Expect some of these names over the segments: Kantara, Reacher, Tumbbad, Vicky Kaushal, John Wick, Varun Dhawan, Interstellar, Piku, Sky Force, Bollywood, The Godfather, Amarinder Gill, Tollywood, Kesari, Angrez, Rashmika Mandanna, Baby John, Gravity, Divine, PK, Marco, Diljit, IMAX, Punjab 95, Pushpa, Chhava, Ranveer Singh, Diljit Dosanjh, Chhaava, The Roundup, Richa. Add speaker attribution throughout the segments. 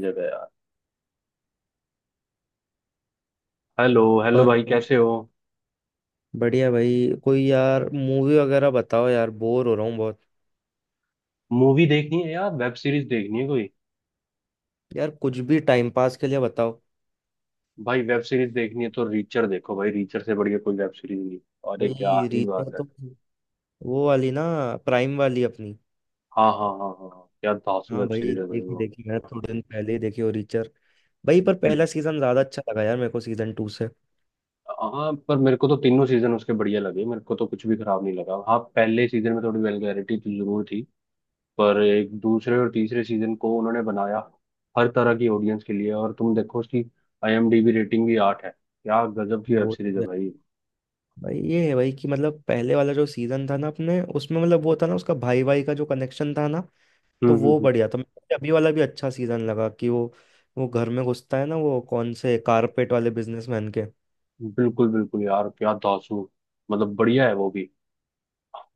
Speaker 1: जगह यार। Hello hello
Speaker 2: और
Speaker 1: भाई, कैसे हो?
Speaker 2: बढ़िया भाई कोई यार मूवी वगैरह बताओ यार, बोर हो रहा हूँ बहुत।
Speaker 1: मूवी देखनी है यार, वेब सीरीज देखनी है कोई?
Speaker 2: यार कुछ भी टाइम पास के लिए बताओ।
Speaker 1: भाई वेब सीरीज देखनी है तो रीचर देखो, भाई रीचर से बढ़िया कोई वेब सीरीज नहीं। अरे क्या
Speaker 2: भाई
Speaker 1: ही
Speaker 2: रीचा
Speaker 1: बात है।
Speaker 2: तो वो वाली ना, प्राइम वाली अपनी।
Speaker 1: हाँ, हाँ, हाँ, हाँ, हाँ, क्या धांसू
Speaker 2: हाँ
Speaker 1: वेब
Speaker 2: भाई
Speaker 1: सीरीज है भाई
Speaker 2: देखी
Speaker 1: वो।
Speaker 2: देखी, मैं थोड़े दिन पहले ही देखी वो रीचर। भाई पर
Speaker 1: बिल-
Speaker 2: पहला सीजन ज्यादा अच्छा लगा यार मेरे को सीजन टू से।
Speaker 1: हाँ, पर मेरे को तो तीनों सीजन उसके बढ़िया लगे, मेरे को तो कुछ भी खराब नहीं लगा। हाँ, पहले सीजन में थोड़ी वेलगैरिटी तो जरूर थी। पर एक दूसरे और तीसरे सीजन को उन्होंने बनाया हर तरह की ऑडियंस के लिए। और तुम देखो उसकी आईएमडीबी रेटिंग भी 8 है, क्या गजब की वेब
Speaker 2: वो
Speaker 1: सीरीज
Speaker 2: तो
Speaker 1: है
Speaker 2: है।
Speaker 1: भाई।
Speaker 2: भाई ये है भाई कि मतलब पहले वाला जो सीजन था ना अपने, उसमें मतलब वो था ना उसका भाई भाई का जो कनेक्शन था ना, तो
Speaker 1: हम्म,
Speaker 2: वो बढ़िया था। मुझे अभी वाला भी अच्छा सीजन लगा कि वो घर में घुसता है ना वो कौन से कारपेट वाले बिजनेसमैन के।
Speaker 1: हम्म। बिल्कुल बिल्कुल यार, क्या दासू। मतलब बढ़िया है वो भी।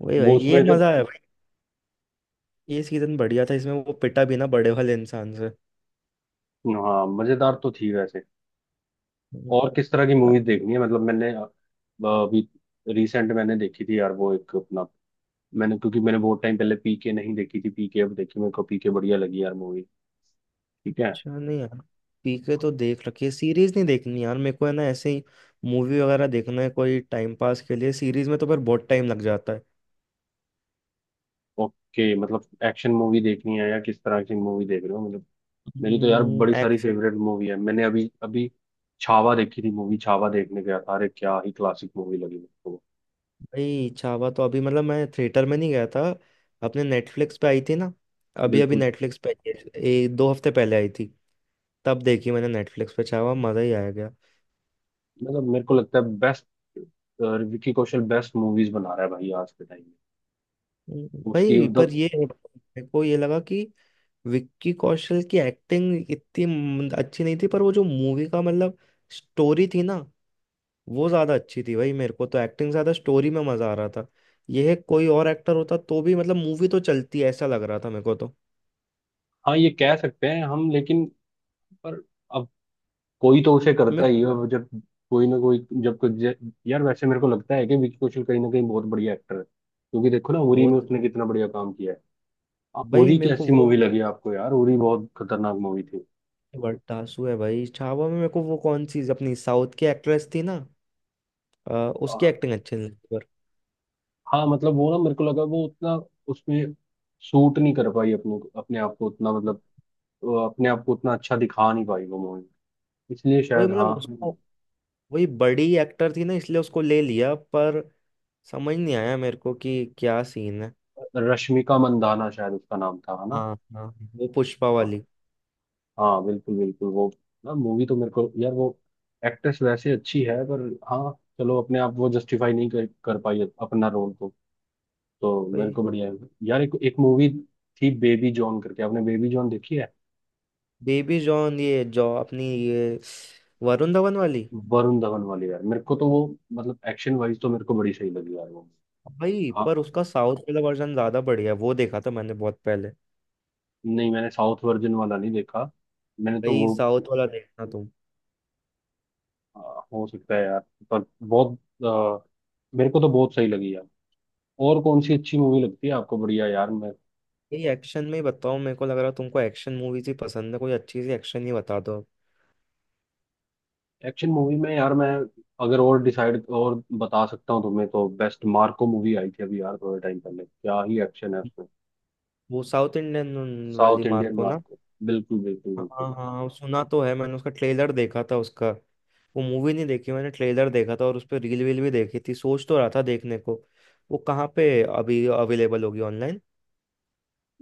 Speaker 2: वही
Speaker 1: वो
Speaker 2: भाई ये
Speaker 1: उसमें जब।
Speaker 2: मजा है भाई। ये सीजन बढ़िया था, इसमें वो पिटा भी ना बड़े वाले इंसान से।
Speaker 1: हाँ, मजेदार तो थी वैसे। और किस तरह की मूवीज देखनी है? मतलब मैंने अभी रिसेंट मैंने देखी थी यार वो एक अपना। मैंने, क्योंकि मैंने बहुत टाइम पहले पीके नहीं देखी थी, पीके अब देखी, मेरे को पीके बढ़िया लगी यार मूवी। ठीक है।
Speaker 2: अच्छा नहीं यार। पीके तो देख रखी है, सीरीज नहीं देखनी यार मेरे को, है ना। ऐसे ही मूवी वगैरह देखना है कोई टाइम पास के लिए, सीरीज में तो फिर बहुत टाइम लग जाता है।
Speaker 1: ओके, मतलब एक्शन मूवी देखनी है या किस तरह की मूवी देख रहे हो मतलब? मेरी तो यार बड़ी सारी
Speaker 2: एक्स।
Speaker 1: फेवरेट मूवी है। मैंने अभी अभी छावा देखी थी, मूवी छावा देखने गया था, अरे क्या ही क्लासिक मूवी लगी मेरे को।
Speaker 2: भाई छावा तो अभी मतलब मैं थिएटर में नहीं गया था, अपने नेटफ्लिक्स पे आई थी ना, अभी अभी
Speaker 1: बिल्कुल।
Speaker 2: नेटफ्लिक्स पे आई है, दो हफ्ते पहले आई थी। तब देखी मैंने नेटफ्लिक्स पे छावा, मजा ही आया गया।
Speaker 1: मतलब मेरे को लगता है best Vicky Kaushal best movies बना रहा है भाई आज के टाइम में, उसकी
Speaker 2: भाई
Speaker 1: उधम।
Speaker 2: पर ये मेरे को ये लगा कि विक्की कौशल की एक्टिंग इतनी अच्छी नहीं थी, पर वो जो मूवी का मतलब स्टोरी थी ना, वो ज्यादा अच्छी थी भाई मेरे को। तो एक्टिंग से ज्यादा स्टोरी में मजा आ रहा था। यह कोई और एक्टर होता तो भी मतलब मूवी तो चलती, ऐसा लग रहा था मेरे को तो।
Speaker 1: हाँ, ये कह सकते हैं हम लेकिन। पर। अब। कोई तो उसे
Speaker 2: मैं
Speaker 1: करता ही है अब जब। कोई ना कोई। जब कोई यार, वैसे मेरे को लगता है कि विकी कौशल कहीं ना कहीं बहुत बढ़िया एक्टर है, क्योंकि देखो ना उरी
Speaker 2: वो
Speaker 1: में
Speaker 2: तो,
Speaker 1: उसने कितना बढ़िया काम किया है।
Speaker 2: भाई
Speaker 1: उरी
Speaker 2: मेरे को
Speaker 1: कैसी
Speaker 2: वो
Speaker 1: मूवी लगी आपको यार? उरी बहुत खतरनाक मूवी थी।
Speaker 2: बड़ा आंसू है भाई, छावा में मेरे को वो कौन सी अपनी साउथ की एक्ट्रेस थी ना, अ,
Speaker 1: आ,
Speaker 2: उसकी एक्टिंग अच्छी नहीं लगी, पर
Speaker 1: हाँ, मतलब वो ना मेरे को लगा वो उतना उसमें सूट नहीं कर पाई अपने अपने आप को उतना मतलब। वो अपने आप को उतना अच्छा दिखा नहीं पाई वो मूवी। इसलिए
Speaker 2: वही
Speaker 1: शायद,
Speaker 2: मतलब
Speaker 1: हाँ।
Speaker 2: उसको, वही बड़ी एक्टर थी ना इसलिए उसको ले लिया। पर समझ नहीं आया मेरे को कि क्या सीन है।
Speaker 1: रश्मिका मंदाना शायद उसका नाम था, है ना?
Speaker 2: हाँ हाँ, वो पुष्पा
Speaker 1: हाँ,
Speaker 2: वाली।
Speaker 1: हाँ, बिल्कुल बिल्कुल वो। ना मूवी तो मेरे को यार वो। एक्ट्रेस वैसे अच्छी है पर हाँ। चलो अपने आप वो जस्टिफाई नहीं कर पाई अपना रोल को। तो मेरे
Speaker 2: भाई
Speaker 1: को बढ़िया है। यार एक एक मूवी थी बेबी जॉन करके, आपने बेबी जॉन देखी है?
Speaker 2: बेबी जॉन, ये जॉ अपनी ये वरुण धवन वाली।
Speaker 1: वरुण धवन वाली यार मेरे को तो वो, मतलब एक्शन वाइज तो मेरे को बड़ी सही लगी यार वो।
Speaker 2: भाई पर
Speaker 1: हाँ,
Speaker 2: उसका साउथ वाला वर्जन ज्यादा बढ़िया है, वो देखा था मैंने बहुत पहले।
Speaker 1: नहीं, मैंने साउथ वर्जन वाला नहीं देखा। मैंने तो
Speaker 2: भाई
Speaker 1: वो।
Speaker 2: साउथ वाला देखना तुम।
Speaker 1: हाँ, हो सकता है यार। पर बहुत अ, मेरे को तो बहुत सही लगी यार। और कौन सी अच्छी मूवी लगती है आपको? बढ़िया यार मैं।
Speaker 2: भाई एक्शन में ही बताओ, मेरे को लग रहा है तुमको एक्शन मूवीज ही पसंद है, कोई अच्छी सी एक्शन ही बता दो।
Speaker 1: एक्शन मूवी में यार मैं, अगर और डिसाइड और बता सकता हूँ तुम्हें, तो बेस्ट मार्को मूवी आई थी अभी यार थोड़े टाइम पहले, क्या ही एक्शन है उसमें।
Speaker 2: वो साउथ इंडियन वाली
Speaker 1: साउथ इंडियन
Speaker 2: मार्को ना।
Speaker 1: मार्को, बिल्कुल बिल्कुल
Speaker 2: हाँ
Speaker 1: बिल्कुल।
Speaker 2: हाँ हाँ, सुना तो है मैंने, उसका ट्रेलर देखा था उसका। वो मूवी नहीं देखी मैंने, ट्रेलर देखा था और उस पर रील वील भी देखी थी, सोच तो रहा था देखने को। वो कहाँ पे अभी अवेलेबल होगी ऑनलाइन।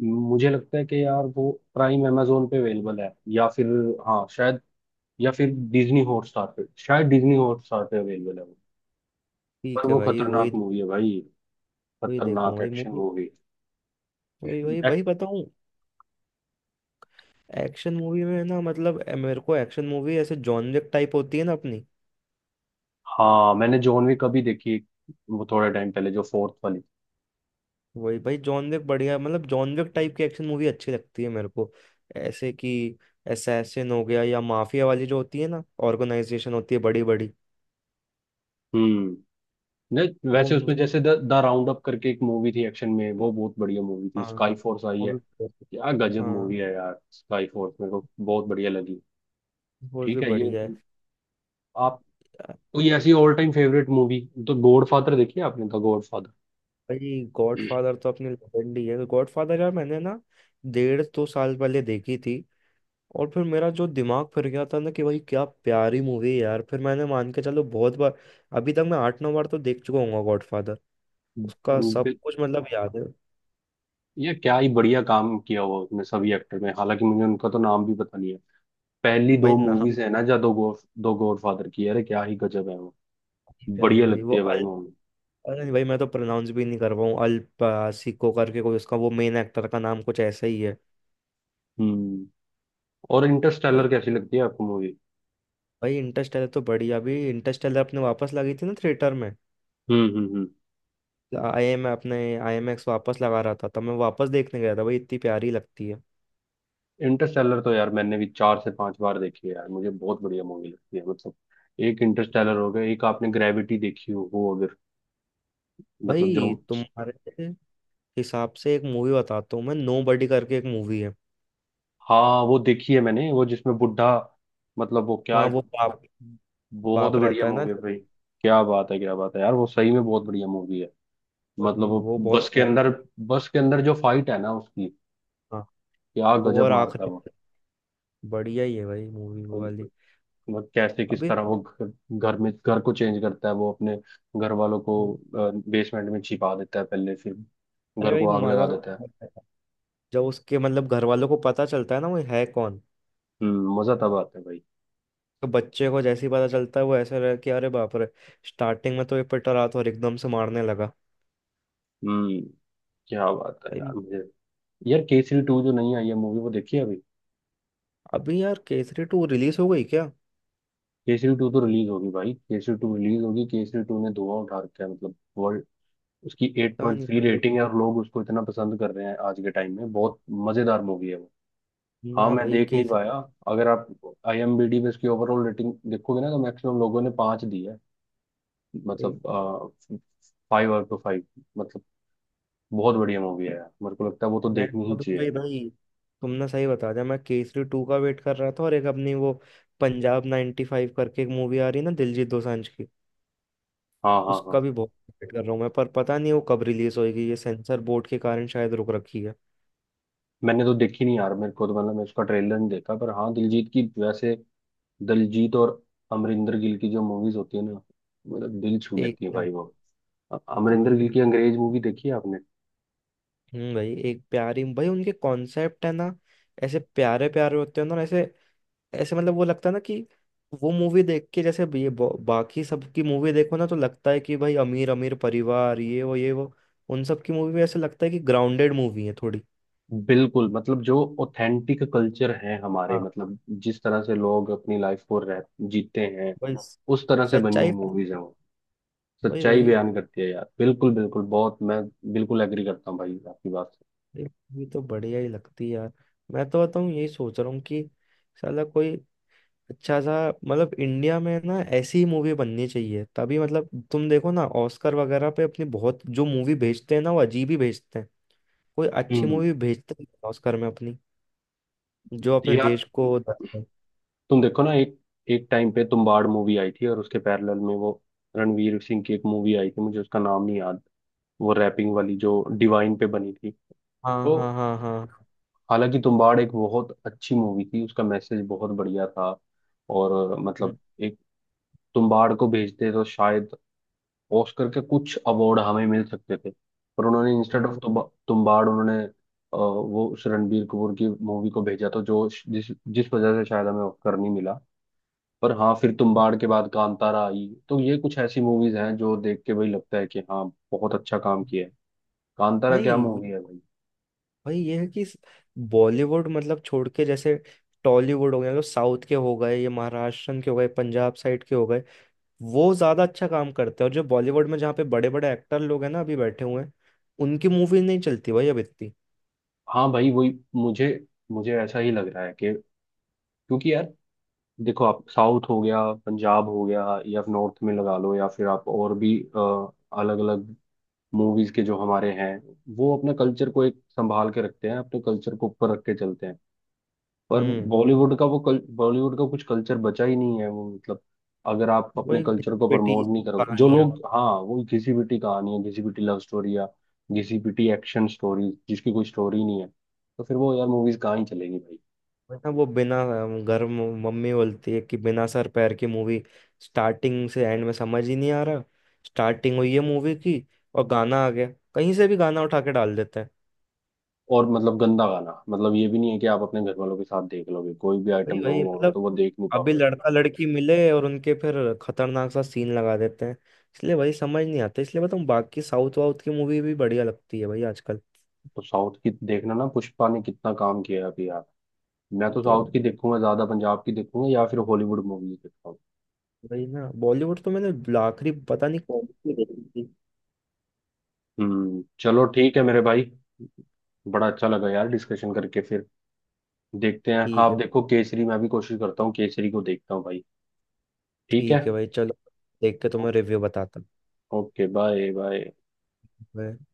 Speaker 1: मुझे लगता है कि यार वो प्राइम अमेजोन पे अवेलेबल है या फिर। हाँ, शायद। या फिर डिज्नी हॉटस्टार पे शायद, डिज्नी हॉटस्टार पे अवेलेबल है वो। पर
Speaker 2: ठीक है
Speaker 1: वो
Speaker 2: भाई, वही
Speaker 1: खतरनाक मूवी है भाई।
Speaker 2: वही देखूँ
Speaker 1: खतरनाक
Speaker 2: वही
Speaker 1: एक्शन
Speaker 2: मूवी,
Speaker 1: मूवी।
Speaker 2: वही वही वही
Speaker 1: Act-
Speaker 2: बताऊँ। एक्शन मूवी में ना, मतलब मेरे को एक्शन मूवी ऐसे जॉन विक टाइप होती है ना अपनी।
Speaker 1: हाँ, मैंने जॉन विक अभी देखी एक, वो थोड़े टाइम पहले जो फोर्थ वाली।
Speaker 2: वही भाई, जॉन विक बढ़िया, मतलब जॉन विक टाइप की एक्शन मूवी अच्छी लगती है मेरे को। ऐसे कि असैसिन हो गया या माफिया वाली जो होती है ना, ऑर्गेनाइजेशन होती है बड़ी बड़ी।
Speaker 1: हम्म। नहीं,
Speaker 2: वो
Speaker 1: वैसे उसमें जैसे द राउंड अप करके एक मूवी थी एक्शन में, वो बहुत बढ़िया मूवी थी।
Speaker 2: हाँ,
Speaker 1: स्काई फोर्स आई
Speaker 2: वो
Speaker 1: है।
Speaker 2: भी।
Speaker 1: क्या गजब
Speaker 2: हाँ,
Speaker 1: मूवी है यार, स्काई फोर्स मेरे को बहुत बढ़िया लगी।
Speaker 2: वो भी
Speaker 1: ठीक है, ये
Speaker 2: बढ़िया है।
Speaker 1: आप कोई ऐसी ऑल टाइम फेवरेट मूवी, तो गॉड फादर देखी है आपने, द गॉड फादर?
Speaker 2: भाई गॉडफादर तो अपनी लेजेंड ही है, तो गॉडफादर यार मैंने ना 1.5-2 साल पहले देखी थी। और फिर मेरा जो दिमाग फिर गया था ना कि भाई क्या प्यारी मूवी है यार, फिर मैंने मान के चलो बहुत बार, अभी तक मैं 8-9 बार तो देख चुका हूँ गॉडफादर, उसका सब कुछ मतलब याद है।
Speaker 1: ये क्या ही बढ़िया काम किया हुआ उसने सभी एक्टर में, हालांकि मुझे उनका तो नाम भी पता नहीं है। पहली
Speaker 2: भाई
Speaker 1: दो
Speaker 2: नहा,
Speaker 1: मूवीज है ना, जो दो गॉड फादर की, अरे क्या ही गजब है।
Speaker 2: प्यारी
Speaker 1: बढ़िया
Speaker 2: भाई वो
Speaker 1: लगती है
Speaker 2: अल,
Speaker 1: भाई मूवी।
Speaker 2: अरे भाई मैं तो प्रोनाउंस भी नहीं कर पाऊँ, अल सिको करके कोई उसका वो मेन एक्टर का नाम कुछ ऐसा ही है।
Speaker 1: हम्म और
Speaker 2: भाई,
Speaker 1: इंटरस्टेलर कैसी लगती है आपको मूवी?
Speaker 2: भाई इंटरस्टेलर तो बढ़िया, अभी इंटरस्टेलर अपने वापस लगी थी ना थिएटर में।
Speaker 1: हम्म, हम्म, हम्म।
Speaker 2: आई एम अपने IMAX वापस लगा रहा था, तब मैं वापस देखने गया था भाई, इतनी प्यारी लगती है।
Speaker 1: इंटरस्टेलर तो यार मैंने भी 4 से 5 बार देखी है यार, मुझे बहुत बढ़िया मूवी लगती है मतलब। एक इंटरस्टेलर हो गया, एक आपने ग्रेविटी देखी हो वो अगर, मतलब
Speaker 2: भाई
Speaker 1: जो।
Speaker 2: तुम्हारे हिसाब से एक मूवी बताता हूँ मैं, नो बडी करके एक मूवी है।
Speaker 1: हाँ, वो देखी है मैंने, वो जिसमें बुढ़ा, मतलब वो क्या,
Speaker 2: वहाँ वो बाप
Speaker 1: बहुत
Speaker 2: बाप
Speaker 1: बढ़िया
Speaker 2: रहता है ना।
Speaker 1: मूवी है भाई। क्या बात है, क्या बात है यार, वो सही में बहुत बढ़िया मूवी है।
Speaker 2: वो
Speaker 1: मतलब
Speaker 2: जी,
Speaker 1: वो
Speaker 2: वो
Speaker 1: बस
Speaker 2: बहुत
Speaker 1: के
Speaker 2: प्यारी।
Speaker 1: अंदर, बस के अंदर जो फाइट है ना उसकी,
Speaker 2: हाँ,
Speaker 1: क्या
Speaker 2: वो
Speaker 1: गजब
Speaker 2: और
Speaker 1: मारता है।
Speaker 2: आखिरी बढ़िया ही है भाई मूवी
Speaker 1: वो
Speaker 2: वो वाली।
Speaker 1: वो कैसे किस
Speaker 2: अभी
Speaker 1: तरह वो घर में घर को चेंज करता है, वो अपने घर वालों को बेसमेंट में छिपा देता है पहले, फिर
Speaker 2: अरे
Speaker 1: घर
Speaker 2: भाई
Speaker 1: को आग लगा
Speaker 2: मजा तो
Speaker 1: देता है।
Speaker 2: बहुत आया। जब उसके मतलब घर वालों को पता चलता है ना वो है कौन,
Speaker 1: मजा तब आता है भाई।
Speaker 2: तो बच्चे को जैसे ही पता चलता है वो ऐसे रह कि अरे बाप रे, स्टार्टिंग में तो ये पिट रहा था और एकदम से मारने लगा।
Speaker 1: हम्म क्या बात है यार
Speaker 2: भाई,
Speaker 1: मुझे। यार केसरी टू जो नहीं आई है मूवी, वो देखी है अभी?
Speaker 2: अभी यार केसरी टू रिलीज हो गई क्या?
Speaker 1: केसरी टू तो रिलीज होगी भाई, केसरी टू रिलीज होगी, केसरी टू ने धुआं उठा रखा है मतलब वर्ल्ड। उसकी एट
Speaker 2: पता
Speaker 1: पॉइंट
Speaker 2: नहीं
Speaker 1: थ्री
Speaker 2: यार भाई।
Speaker 1: रेटिंग है और लोग उसको इतना पसंद कर रहे हैं, आज के टाइम में बहुत मजेदार मूवी है। हाँ,
Speaker 2: ना
Speaker 1: मैं
Speaker 2: भाई
Speaker 1: देख नहीं
Speaker 2: केसरी।
Speaker 1: पाया। अगर आप आईएमबीडी में इसकी ओवरऑल रेटिंग देखोगे ना, तो मैक्सिमम लोगों ने 5 दी है।
Speaker 2: भाई
Speaker 1: मतलब 5/5, मतलब बहुत बढ़िया मूवी है यार, मेरे को लगता है वो तो
Speaker 2: मैं
Speaker 1: देखनी
Speaker 2: तो
Speaker 1: ही
Speaker 2: अभी,
Speaker 1: चाहिए।
Speaker 2: भाई भाई तुमने सही बता दिया, मैं केसरी टू का वेट कर रहा था, और एक अपनी वो पंजाब 95 फाइव करके एक मूवी आ रही है ना दिलजीत दोसांझ की।
Speaker 1: हाँ, हाँ, हाँ।
Speaker 2: उसका भी बहुत वेट कर रहा हूँ मैं, पर पता नहीं वो कब रिलीज होएगी, ये सेंसर बोर्ड के कारण शायद रुक रखी है।
Speaker 1: मैंने तो देखी नहीं यार, मेरे को तो मतलब मैं उसका ट्रेलर नहीं देखा, पर हाँ दिलजीत की वैसे, दिलजीत और अमरिंदर गिल की जो मूवीज होती है ना, मतलब दिल छू
Speaker 2: एक
Speaker 1: लेती है भाई
Speaker 2: नंबर
Speaker 1: वो।
Speaker 2: की तो
Speaker 1: अमरिंदर
Speaker 2: भाई,
Speaker 1: गिल की अंग्रेज मूवी देखी है आपने?
Speaker 2: भाई एक प्यारी भाई उनके कॉन्सेप्ट है ना, ऐसे प्यारे प्यारे होते हैं ना ऐसे। ऐसे मतलब वो लगता है ना कि वो मूवी देख के जैसे ये बाकी सबकी मूवी देखो ना तो लगता है कि भाई अमीर अमीर परिवार ये वो ये वो। उन सब की मूवी में ऐसे लगता है कि ग्राउंडेड मूवी है थोड़ी।
Speaker 1: बिल्कुल, मतलब जो ऑथेंटिक कल्चर है हमारे
Speaker 2: हाँ
Speaker 1: मतलब, जिस तरह से लोग अपनी लाइफ को रह, जीते हैं,
Speaker 2: भाई
Speaker 1: उस तरह से बनी हुई
Speaker 2: सच्चाई,
Speaker 1: मूवीज हैं वो।
Speaker 2: वही
Speaker 1: सच्चाई
Speaker 2: भाई।
Speaker 1: बयान करती है यार, बिल्कुल बिल्कुल, बहुत मैं बिल्कुल एग्री करता हूँ भाई आपकी बात से।
Speaker 2: ये मूवी तो बढ़िया ही लगती है यार। मैं तो बताऊँ यही सोच रहा हूँ कि साला कोई अच्छा सा, मतलब इंडिया में ना ऐसी ही मूवी बननी चाहिए तभी। मतलब तुम देखो ना, ऑस्कर वगैरह पे अपनी बहुत जो मूवी भेजते हैं ना वो अजीब ही भेजते हैं। कोई अच्छी
Speaker 1: हम्म
Speaker 2: मूवी भेजते हैं ऑस्कर में अपनी, जो अपने
Speaker 1: यार
Speaker 2: देश को।
Speaker 1: तुम देखो ना एक, एक टाइम पे तुम्बाड़ मूवी आई थी और उसके पैरेलल में वो रणवीर सिंह की एक मूवी आई थी, मुझे उसका नाम नहीं याद, वो रैपिंग वाली जो डिवाइन पे बनी थी।
Speaker 2: हाँ
Speaker 1: तो
Speaker 2: हाँ हाँ हाँ।
Speaker 1: हालांकि तुम्बाड़ एक बहुत अच्छी मूवी थी, उसका मैसेज बहुत बढ़िया था। और
Speaker 2: हम्म,
Speaker 1: मतलब एक, तुम्बाड़ को भेजते तो शायद ऑस्कर के कुछ अवार्ड हमें मिल सकते थे। पर उन्होंने इंस्टेड ऑफ
Speaker 2: हाँ
Speaker 1: तुम्बाड़ उन्होंने वो उस रणबीर कपूर की मूवी को भेजा, तो जो जिस जिस वजह से शायद हमें ऑस्कर नहीं मिला। पर हाँ, फिर तुम्बाड़ के बाद कांतारा आई, तो ये कुछ ऐसी मूवीज हैं जो देख के भाई लगता है कि हाँ, बहुत अच्छा काम किया है। कांतारा क्या
Speaker 2: भाई।
Speaker 1: मूवी है भाई।
Speaker 2: भाई ये है कि बॉलीवुड मतलब छोड़ के जैसे टॉलीवुड हो गया, जो साउथ के हो गए, ये महाराष्ट्रन के हो गए, पंजाब साइड के हो गए, वो ज़्यादा अच्छा काम करते हैं। और जो बॉलीवुड में जहाँ पे बड़े बड़े एक्टर लोग हैं ना अभी बैठे हुए हैं, उनकी मूवी नहीं चलती भाई अब इतनी।
Speaker 1: हाँ भाई, वही मुझे मुझे ऐसा ही लग रहा है कि क्योंकि यार, देखो आप, साउथ हो गया, पंजाब हो गया, या फिर नॉर्थ में लगा लो, या फिर आप और भी अलग अलग मूवीज के जो हमारे हैं, वो अपने कल्चर को एक संभाल के रखते हैं, अपने कल्चर को ऊपर रख के चलते हैं। पर
Speaker 2: हम्म
Speaker 1: बॉलीवुड का कुछ कल्चर बचा ही नहीं है वो मतलब, अगर आप अपने
Speaker 2: वही
Speaker 1: कल्चर को
Speaker 2: बेटी
Speaker 1: प्रमोट नहीं करोगे, जो
Speaker 2: कहानियाँ।
Speaker 1: लोग, हाँ, वो घिसी पिटी कहानी है, घिसी पिटी लव स्टोरी या घिसी पिटी एक्शन स्टोरी, जिसकी कोई स्टोरी नहीं है, तो फिर वो यार मूवीज कहाँ ही चलेगी।
Speaker 2: वरना वो बिना घर मम्मी बोलती है कि बिना सर पैर की मूवी, स्टार्टिंग से एंड में समझ ही नहीं आ रहा। स्टार्टिंग हुई है मूवी की और गाना आ गया, कहीं से भी गाना उठा के डाल देते हैं।
Speaker 1: और मतलब गंदा गाना, मतलब ये भी नहीं है कि आप अपने घर वालों के साथ देख लोगे, कोई भी
Speaker 2: वही
Speaker 1: आइटम
Speaker 2: वही
Speaker 1: सॉन्ग होगा
Speaker 2: मतलब
Speaker 1: तो वो देख नहीं
Speaker 2: अभी
Speaker 1: पाओगे।
Speaker 2: लड़का लड़की मिले और उनके फिर खतरनाक सा सीन लगा देते हैं। इसलिए वही समझ नहीं आता, इसलिए बताऊँ, बाकी साउथ वाउथ की मूवी भी बढ़िया लगती है भाई आजकल।
Speaker 1: तो साउथ की देखना ना, पुष्पा ने कितना काम किया है अभी यार। मैं
Speaker 2: ये
Speaker 1: तो
Speaker 2: तो
Speaker 1: साउथ की देखूंगा ज्यादा, पंजाब की देखूंगा या फिर हॉलीवुड मूवीज देखता हूँ।
Speaker 2: वही ना, बॉलीवुड तो मैंने आखिरी पता नहीं कौन सी देखी थी।
Speaker 1: चलो ठीक है मेरे भाई, बड़ा अच्छा लगा यार डिस्कशन करके। फिर देखते हैं, हाँ
Speaker 2: ठीक है।
Speaker 1: आप देखो केसरी, मैं भी कोशिश करता हूँ, केसरी को देखता हूँ भाई। ठीक है।
Speaker 2: ठीक है भाई चलो, देख के तुम्हें रिव्यू बताता हूँ
Speaker 1: ओके, बाय बाय।
Speaker 2: मैं।